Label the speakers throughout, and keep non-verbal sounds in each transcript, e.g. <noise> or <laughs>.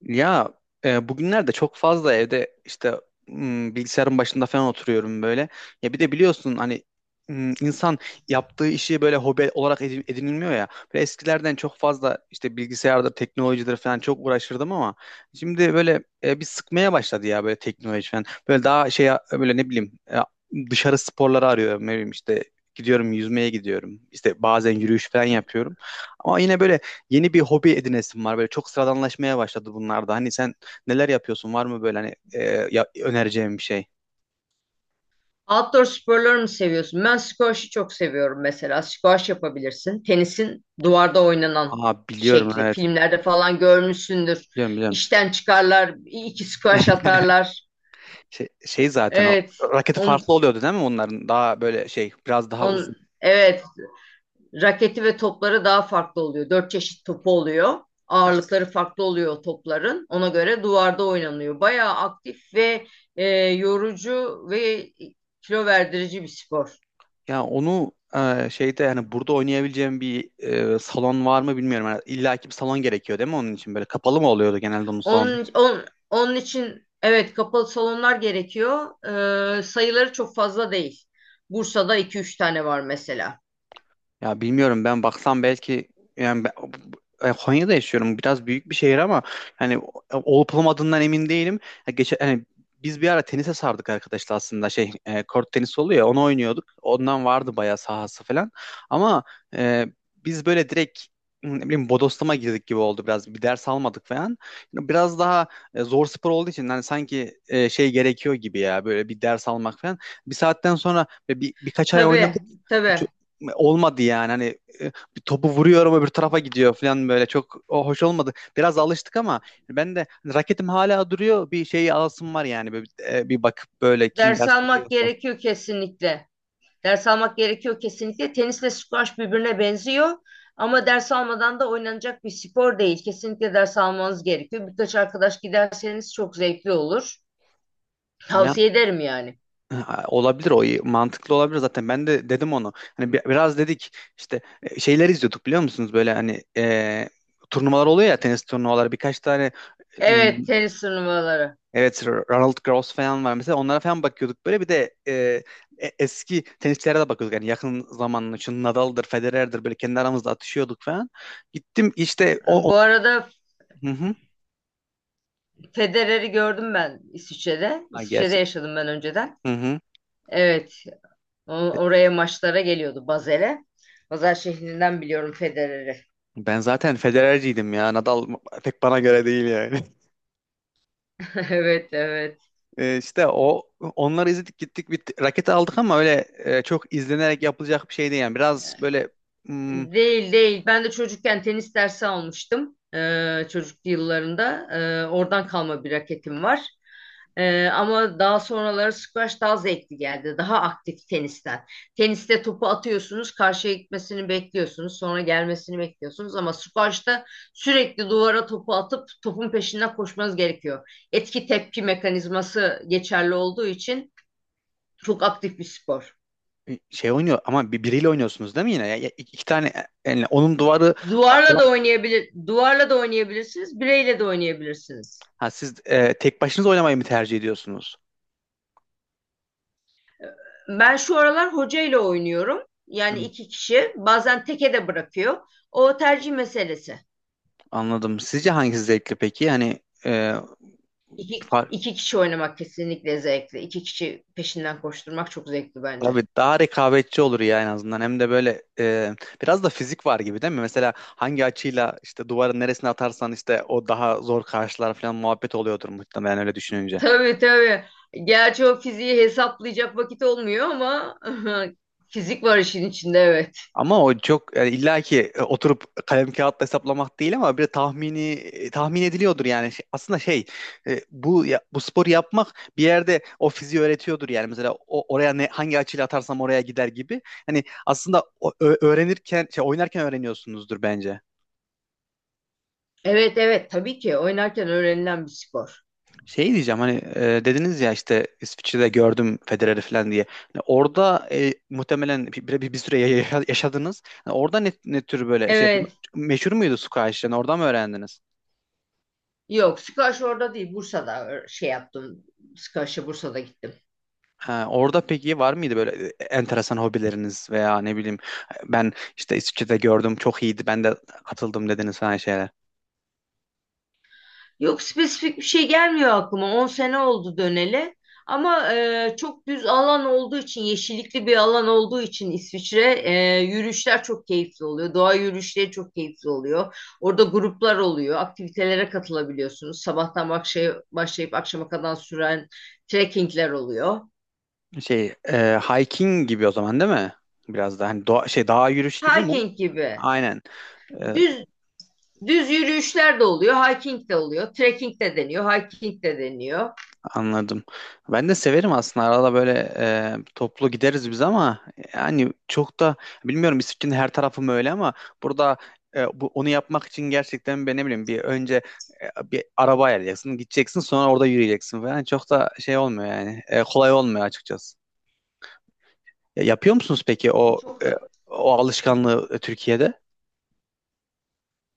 Speaker 1: Ya bugünlerde çok fazla evde işte bilgisayarın başında falan oturuyorum böyle. Ya bir de biliyorsun hani insan yaptığı işi böyle hobi olarak edinilmiyor ya. Böyle eskilerden çok fazla işte bilgisayardır, teknolojidir falan çok uğraşırdım ama şimdi böyle bir sıkmaya başladı ya böyle teknoloji falan. Böyle daha şey böyle ne bileyim dışarı sporları arıyorum, ne bileyim işte gidiyorum, yüzmeye gidiyorum. İşte bazen yürüyüş falan yapıyorum. Ama yine böyle yeni bir hobi edinesin var. Böyle çok sıradanlaşmaya başladı bunlarda. Hani sen neler yapıyorsun? Var mı böyle hani önereceğim bir şey?
Speaker 2: Outdoor sporları mı seviyorsun? Ben squash'ı çok seviyorum mesela. Squash yapabilirsin. Tenisin duvarda oynanan
Speaker 1: Aa, biliyorum,
Speaker 2: şekli.
Speaker 1: evet.
Speaker 2: Filmlerde falan görmüşsündür.
Speaker 1: Biliyorum, biliyorum.
Speaker 2: İşten çıkarlar, iki squash atarlar.
Speaker 1: Şey, zaten o
Speaker 2: Evet.
Speaker 1: raketi
Speaker 2: On,
Speaker 1: farklı oluyordu değil mi onların? Daha böyle şey biraz daha
Speaker 2: on,
Speaker 1: uzun.
Speaker 2: evet. Raketi ve topları daha farklı oluyor. Dört çeşit topu oluyor. Ağırlıkları farklı oluyor o topların. Ona göre duvarda oynanıyor. Bayağı aktif ve yorucu ve kilo verdirici bir spor.
Speaker 1: Ya onu şeyde, hani burada oynayabileceğim bir salon var mı bilmiyorum. Yani illa ki bir salon gerekiyor değil mi onun için? Böyle kapalı mı oluyordu genelde onun salonu?
Speaker 2: Onun için evet kapalı salonlar gerekiyor. Sayıları çok fazla değil. Bursa'da iki üç tane var mesela.
Speaker 1: Ya bilmiyorum, ben baksam belki. Yani Konya'da yaşıyorum. Biraz büyük bir şehir ama hani olup olmadığından emin değilim. Ya geçen hani biz bir ara tenise sardık arkadaşlar, aslında şey kort tenisi oluyor ya, onu oynuyorduk. Ondan vardı bayağı sahası falan. Ama e, biz böyle direkt ne bileyim bodoslama girdik gibi oldu biraz. Bir ders almadık falan. Biraz daha zor spor olduğu için hani sanki şey gerekiyor gibi ya, böyle bir ders almak falan. Bir saatten sonra birkaç ay
Speaker 2: Tabii
Speaker 1: oynadık,
Speaker 2: tabii.
Speaker 1: olmadı yani. Hani e, bir topu vuruyorum öbür tarafa gidiyor falan, böyle çok o hoş olmadı. Biraz alıştık ama ben de hani raketim hala duruyor, bir şey alasım var yani bir bakıp böyle kim
Speaker 2: Ders
Speaker 1: ders
Speaker 2: almak
Speaker 1: veriyorsa.
Speaker 2: gerekiyor kesinlikle. Ders almak gerekiyor kesinlikle. Tenisle squash birbirine benziyor. Ama ders almadan da oynanacak bir spor değil. Kesinlikle ders almanız gerekiyor. Birkaç arkadaş giderseniz çok zevkli olur.
Speaker 1: Ya
Speaker 2: Tavsiye ederim yani.
Speaker 1: e, olabilir, o iyi, mantıklı olabilir, zaten ben de dedim onu. Hani biraz dedik işte şeyler izliyorduk, biliyor musunuz, böyle hani turnuvalar oluyor ya, tenis turnuvaları birkaç tane.
Speaker 2: Evet, tenis turnuvaları.
Speaker 1: Evet, Ronald Gross falan var mesela. Onlara falan bakıyorduk böyle. Bir de eski tenisçilere de bakıyorduk. Yani yakın zamanın için Nadal'dır, Federer'dir, böyle kendi aramızda atışıyorduk falan. Gittim işte o...
Speaker 2: Bu arada
Speaker 1: Hı hı.
Speaker 2: Federer'i gördüm ben İsviçre'de.
Speaker 1: Ha,
Speaker 2: İsviçre'de
Speaker 1: gerçek.
Speaker 2: yaşadım ben önceden.
Speaker 1: Hı hı.
Speaker 2: Evet, o- oraya maçlara geliyordu Basel'e. Basel şehrinden biliyorum Federer'i.
Speaker 1: Ben zaten Federer'ciydim ya. Nadal pek bana göre değil yani. <laughs>
Speaker 2: <laughs> Evet, evet.
Speaker 1: E, işte o, onları izledik, gittik bir raket aldık ama öyle çok izlenerek yapılacak bir şey değil yani. Biraz böyle hmm,
Speaker 2: Değil değil. Ben de çocukken tenis dersi almıştım. Çocukluk yıllarında. Oradan kalma bir raketim var. Ama daha sonraları squash daha zevkli geldi. Daha aktif tenisten. Teniste topu atıyorsunuz, karşıya gitmesini bekliyorsunuz, sonra gelmesini bekliyorsunuz. Ama squash'ta sürekli duvara topu atıp topun peşinden koşmanız gerekiyor. Etki tepki mekanizması geçerli olduğu için çok aktif bir spor.
Speaker 1: şey oynuyor, ama biriyle oynuyorsunuz değil mi yine? Ya, ya- iki tane yani onun duvarı.
Speaker 2: Duvarla da oynayabilirsiniz, bireyle de oynayabilirsiniz.
Speaker 1: Ha, siz tek başınıza oynamayı mı tercih ediyorsunuz?
Speaker 2: Ben şu aralar hocayla oynuyorum.
Speaker 1: Hı.
Speaker 2: Yani iki kişi. Bazen teke de bırakıyor. O tercih meselesi.
Speaker 1: Anladım. Sizce hangisi zevkli peki? Hani
Speaker 2: İki,
Speaker 1: far-
Speaker 2: iki kişi oynamak kesinlikle zevkli. İki kişi peşinden koşturmak çok zevkli bence.
Speaker 1: tabii daha rekabetçi olur ya en azından. Hem de böyle biraz da fizik var gibi değil mi? Mesela hangi açıyla işte duvarın neresine atarsan işte o daha zor karşılar falan muhabbet oluyordur muhtemelen, öyle düşününce.
Speaker 2: Tabii tabii. Gerçi o fiziği hesaplayacak vakit olmuyor ama <laughs> fizik var işin içinde, evet.
Speaker 1: Ama o çok yani illa ki oturup kalem kağıtla hesaplamak değil ama bir tahmini tahmin ediliyordur yani. Aslında şey bu sporu yapmak bir yerde o fiziği öğretiyordur yani, mesela oraya ne hangi açıyla atarsam oraya gider gibi. Hani aslında öğrenirken, şey, oynarken öğreniyorsunuzdur bence.
Speaker 2: Evet evet, tabii ki oynarken öğrenilen bir spor.
Speaker 1: Şey diyeceğim, hani dediniz ya, işte İsviçre'de gördüm Federer'i falan diye. Hani orada muhtemelen bir süre yaşadınız. Hani orada ne tür böyle şey, bu,
Speaker 2: Evet.
Speaker 1: meşhur muydu squash? Yani oradan mı öğrendiniz?
Speaker 2: Yok, Sikaş orada değil, Bursa'da şey yaptım. Sikaş'a Bursa'da gittim.
Speaker 1: Ha, orada peki var mıydı böyle enteresan hobileriniz, veya ne bileyim, ben işte İsviçre'de gördüm çok iyiydi, ben de katıldım dediniz falan şeyler.
Speaker 2: Yok, spesifik bir şey gelmiyor aklıma. 10 sene oldu döneli. Ama çok düz alan olduğu için, yeşillikli bir alan olduğu için İsviçre yürüyüşler çok keyifli oluyor. Doğa yürüyüşleri çok keyifli oluyor. Orada gruplar oluyor. Aktivitelere katılabiliyorsunuz. Sabahtan akşaya başlayıp akşama kadar süren trekkingler oluyor.
Speaker 1: Şey hiking gibi o zaman değil mi? Biraz da hani doğa, şey dağ yürüyüş gibi mi?
Speaker 2: Hiking gibi.
Speaker 1: Aynen. E,
Speaker 2: Düz Düz yürüyüşler de oluyor, hiking de oluyor, trekking de deniyor, hiking de deniyor.
Speaker 1: Anladım. Ben de severim aslında. Arada böyle toplu gideriz biz, ama yani çok da bilmiyorum, İsviçre'nin her tarafı mı öyle, ama burada bu, onu yapmak için gerçekten ben ne bileyim bir önce bir araba ayarlayacaksın, gideceksin, sonra orada yürüyeceksin falan. Çok da şey olmuyor yani. Kolay olmuyor açıkçası. Ya, yapıyor musunuz peki
Speaker 2: Çok
Speaker 1: o alışkanlığı Türkiye'de?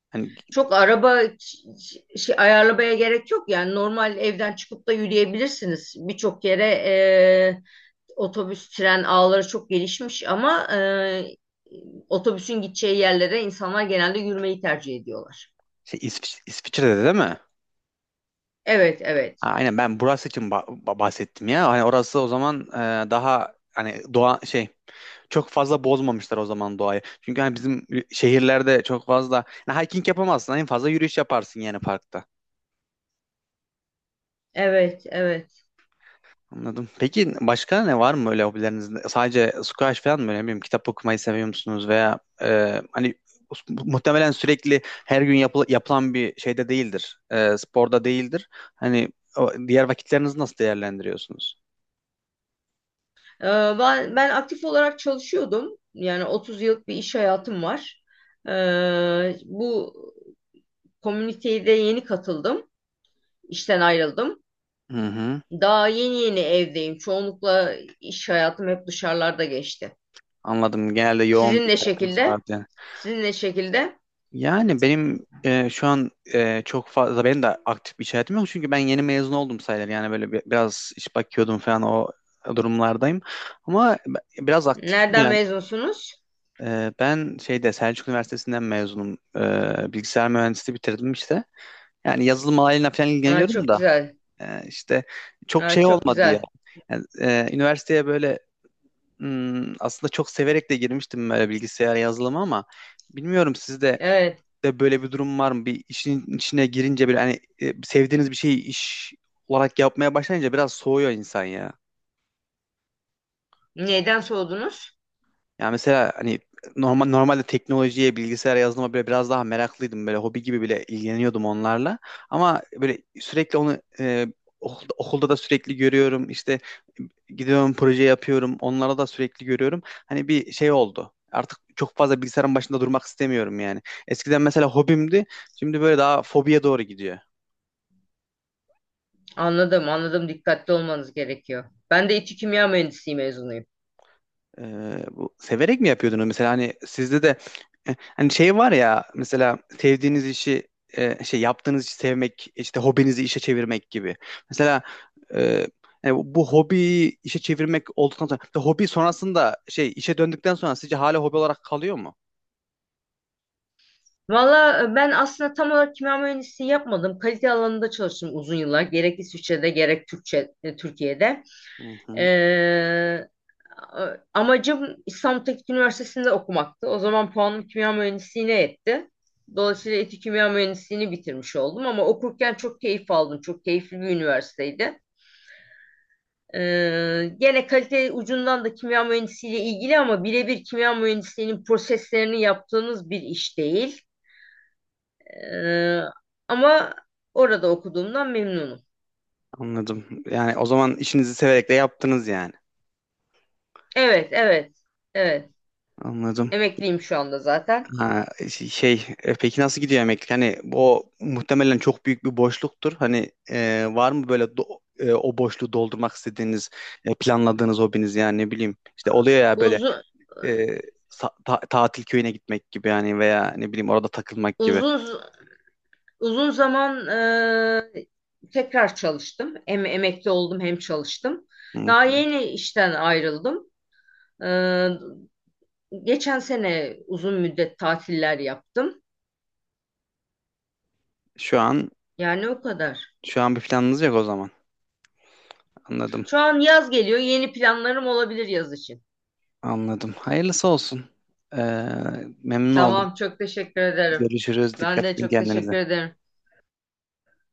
Speaker 1: Hani
Speaker 2: çok araba şey, ayarlamaya gerek yok, yani normal evden çıkıp da yürüyebilirsiniz. Birçok yere otobüs, tren ağları çok gelişmiş ama otobüsün gideceği yerlere insanlar genelde yürümeyi tercih ediyorlar.
Speaker 1: şey, İsviçre'de de değil mi?
Speaker 2: Evet,
Speaker 1: Ha,
Speaker 2: evet.
Speaker 1: aynen, ben burası için bahsettim ya. Hani orası o zaman daha hani doğa, şey, çok fazla bozmamışlar o zaman doğayı. Çünkü hani bizim şehirlerde çok fazla yani hiking yapamazsın. En fazla yürüyüş yaparsın yani, parkta.
Speaker 2: Evet, evet.
Speaker 1: Anladım. Peki başka ne var mı öyle hobilerinizde? Sadece squash falan mı? Ne bileyim, kitap okumayı seviyor musunuz? Veya hani muhtemelen sürekli her gün yapılan bir şeyde değildir. Sporda değildir. Hani o, diğer vakitlerinizi nasıl değerlendiriyorsunuz?
Speaker 2: Ee, ben aktif olarak çalışıyordum. Yani 30 yıllık bir iş hayatım var. Bu komüniteye de yeni katıldım. İşten ayrıldım.
Speaker 1: Hı hı.
Speaker 2: Daha yeni yeni evdeyim. Çoğunlukla iş hayatım hep dışarılarda geçti.
Speaker 1: Anladım. Genelde yoğun
Speaker 2: Sizin
Speaker 1: bir
Speaker 2: ne
Speaker 1: hayatınız
Speaker 2: şekilde?
Speaker 1: vardı.
Speaker 2: Sizin ne şekilde?
Speaker 1: Yani benim şu an çok fazla benim de aktif bir iş hayatım yok. Çünkü ben yeni mezun oldum sayılır. Yani böyle biraz iş bakıyordum falan, o durumlardayım. Ama biraz aktifim
Speaker 2: Nereden
Speaker 1: yani.
Speaker 2: mezunsunuz?
Speaker 1: Ben şeyde Selçuk Üniversitesi'nden mezunum. Bilgisayar mühendisliği bitirdim işte. Yani yazılım alanıyla falan
Speaker 2: Aa,
Speaker 1: ilgileniyorum
Speaker 2: çok
Speaker 1: da
Speaker 2: güzel.
Speaker 1: işte çok
Speaker 2: Aa,
Speaker 1: şey
Speaker 2: çok
Speaker 1: olmadı ya.
Speaker 2: güzel.
Speaker 1: Yani, üniversiteye böyle, aslında çok severek de girmiştim böyle bilgisayar yazılımı ama bilmiyorum, sizde
Speaker 2: Evet.
Speaker 1: de böyle bir durum var mı? Bir işin içine girince, bir hani sevdiğiniz bir şeyi iş olarak yapmaya başlayınca biraz soğuyor insan ya.
Speaker 2: Neyden soğudunuz?
Speaker 1: Yani mesela hani normalde teknolojiye, bilgisayara, yazılıma böyle biraz daha meraklıydım. Böyle hobi gibi bile ilgileniyordum onlarla. Ama böyle sürekli onu okulda da sürekli görüyorum. İşte gidiyorum, proje yapıyorum. Onlara da sürekli görüyorum. Hani bir şey oldu. Artık çok fazla bilgisayarın başında durmak istemiyorum yani. Eskiden mesela hobimdi. Şimdi böyle daha fobiye doğru gidiyor.
Speaker 2: Anladım, anladım. Dikkatli olmanız gerekiyor. Ben de İTÜ Kimya Mühendisliği mezunuyum.
Speaker 1: Bu severek mi yapıyordunuz mesela? Hani sizde de hani şey var ya, mesela sevdiğiniz işi, şey, yaptığınız işi sevmek, işte hobinizi işe çevirmek gibi. Mesela e, yani bu hobiyi işe çevirmek olduktan sonra, mesela hobi sonrasında, şey, işe döndükten sonra sizce hala hobi olarak kalıyor mu?
Speaker 2: Valla ben aslında tam olarak kimya mühendisliği yapmadım. Kalite alanında çalıştım uzun yıllar. Gerek İsviçre'de gerek Türkiye'de.
Speaker 1: Hı hı,
Speaker 2: Ee, Amacım İstanbul Teknik Üniversitesi'nde okumaktı. O zaman puanım kimya mühendisliğine yetti. Dolayısıyla etik kimya mühendisliğini bitirmiş oldum ama okurken çok keyif aldım. Çok keyifli bir üniversiteydi. Gene kalite ucundan da kimya mühendisliğiyle ilgili ama birebir kimya mühendisliğinin proseslerini yaptığınız bir iş değil. Ee, ama orada okuduğumdan memnunum.
Speaker 1: anladım. Yani o zaman işinizi severek de yaptınız yani.
Speaker 2: Evet, evet, evet.
Speaker 1: Anladım.
Speaker 2: Emekliyim şu anda zaten.
Speaker 1: Ha, şey, peki nasıl gidiyor emeklilik? Hani o muhtemelen çok büyük bir boşluktur. Hani var mı böyle o boşluğu doldurmak istediğiniz, planladığınız hobiniz yani, ne bileyim. İşte oluyor ya böyle
Speaker 2: Uzun,
Speaker 1: e, tatil köyüne gitmek gibi yani, veya ne bileyim orada takılmak gibi.
Speaker 2: uzun Uzun zaman tekrar çalıştım. Hem emekli oldum hem çalıştım.
Speaker 1: Hı
Speaker 2: Daha
Speaker 1: hı.
Speaker 2: yeni işten ayrıldım. Eee, Geçen sene uzun müddet tatiller yaptım.
Speaker 1: Şu an
Speaker 2: Yani o kadar.
Speaker 1: şu an bir planınız yok o zaman. Anladım.
Speaker 2: Şu an yaz geliyor. Yeni planlarım olabilir yaz için.
Speaker 1: Anladım. Hayırlısı olsun. Ee, memnun oldum.
Speaker 2: Tamam, çok teşekkür ederim.
Speaker 1: Görüşürüz.
Speaker 2: Ben
Speaker 1: Dikkat
Speaker 2: de
Speaker 1: edin
Speaker 2: çok
Speaker 1: kendinize.
Speaker 2: teşekkür ederim.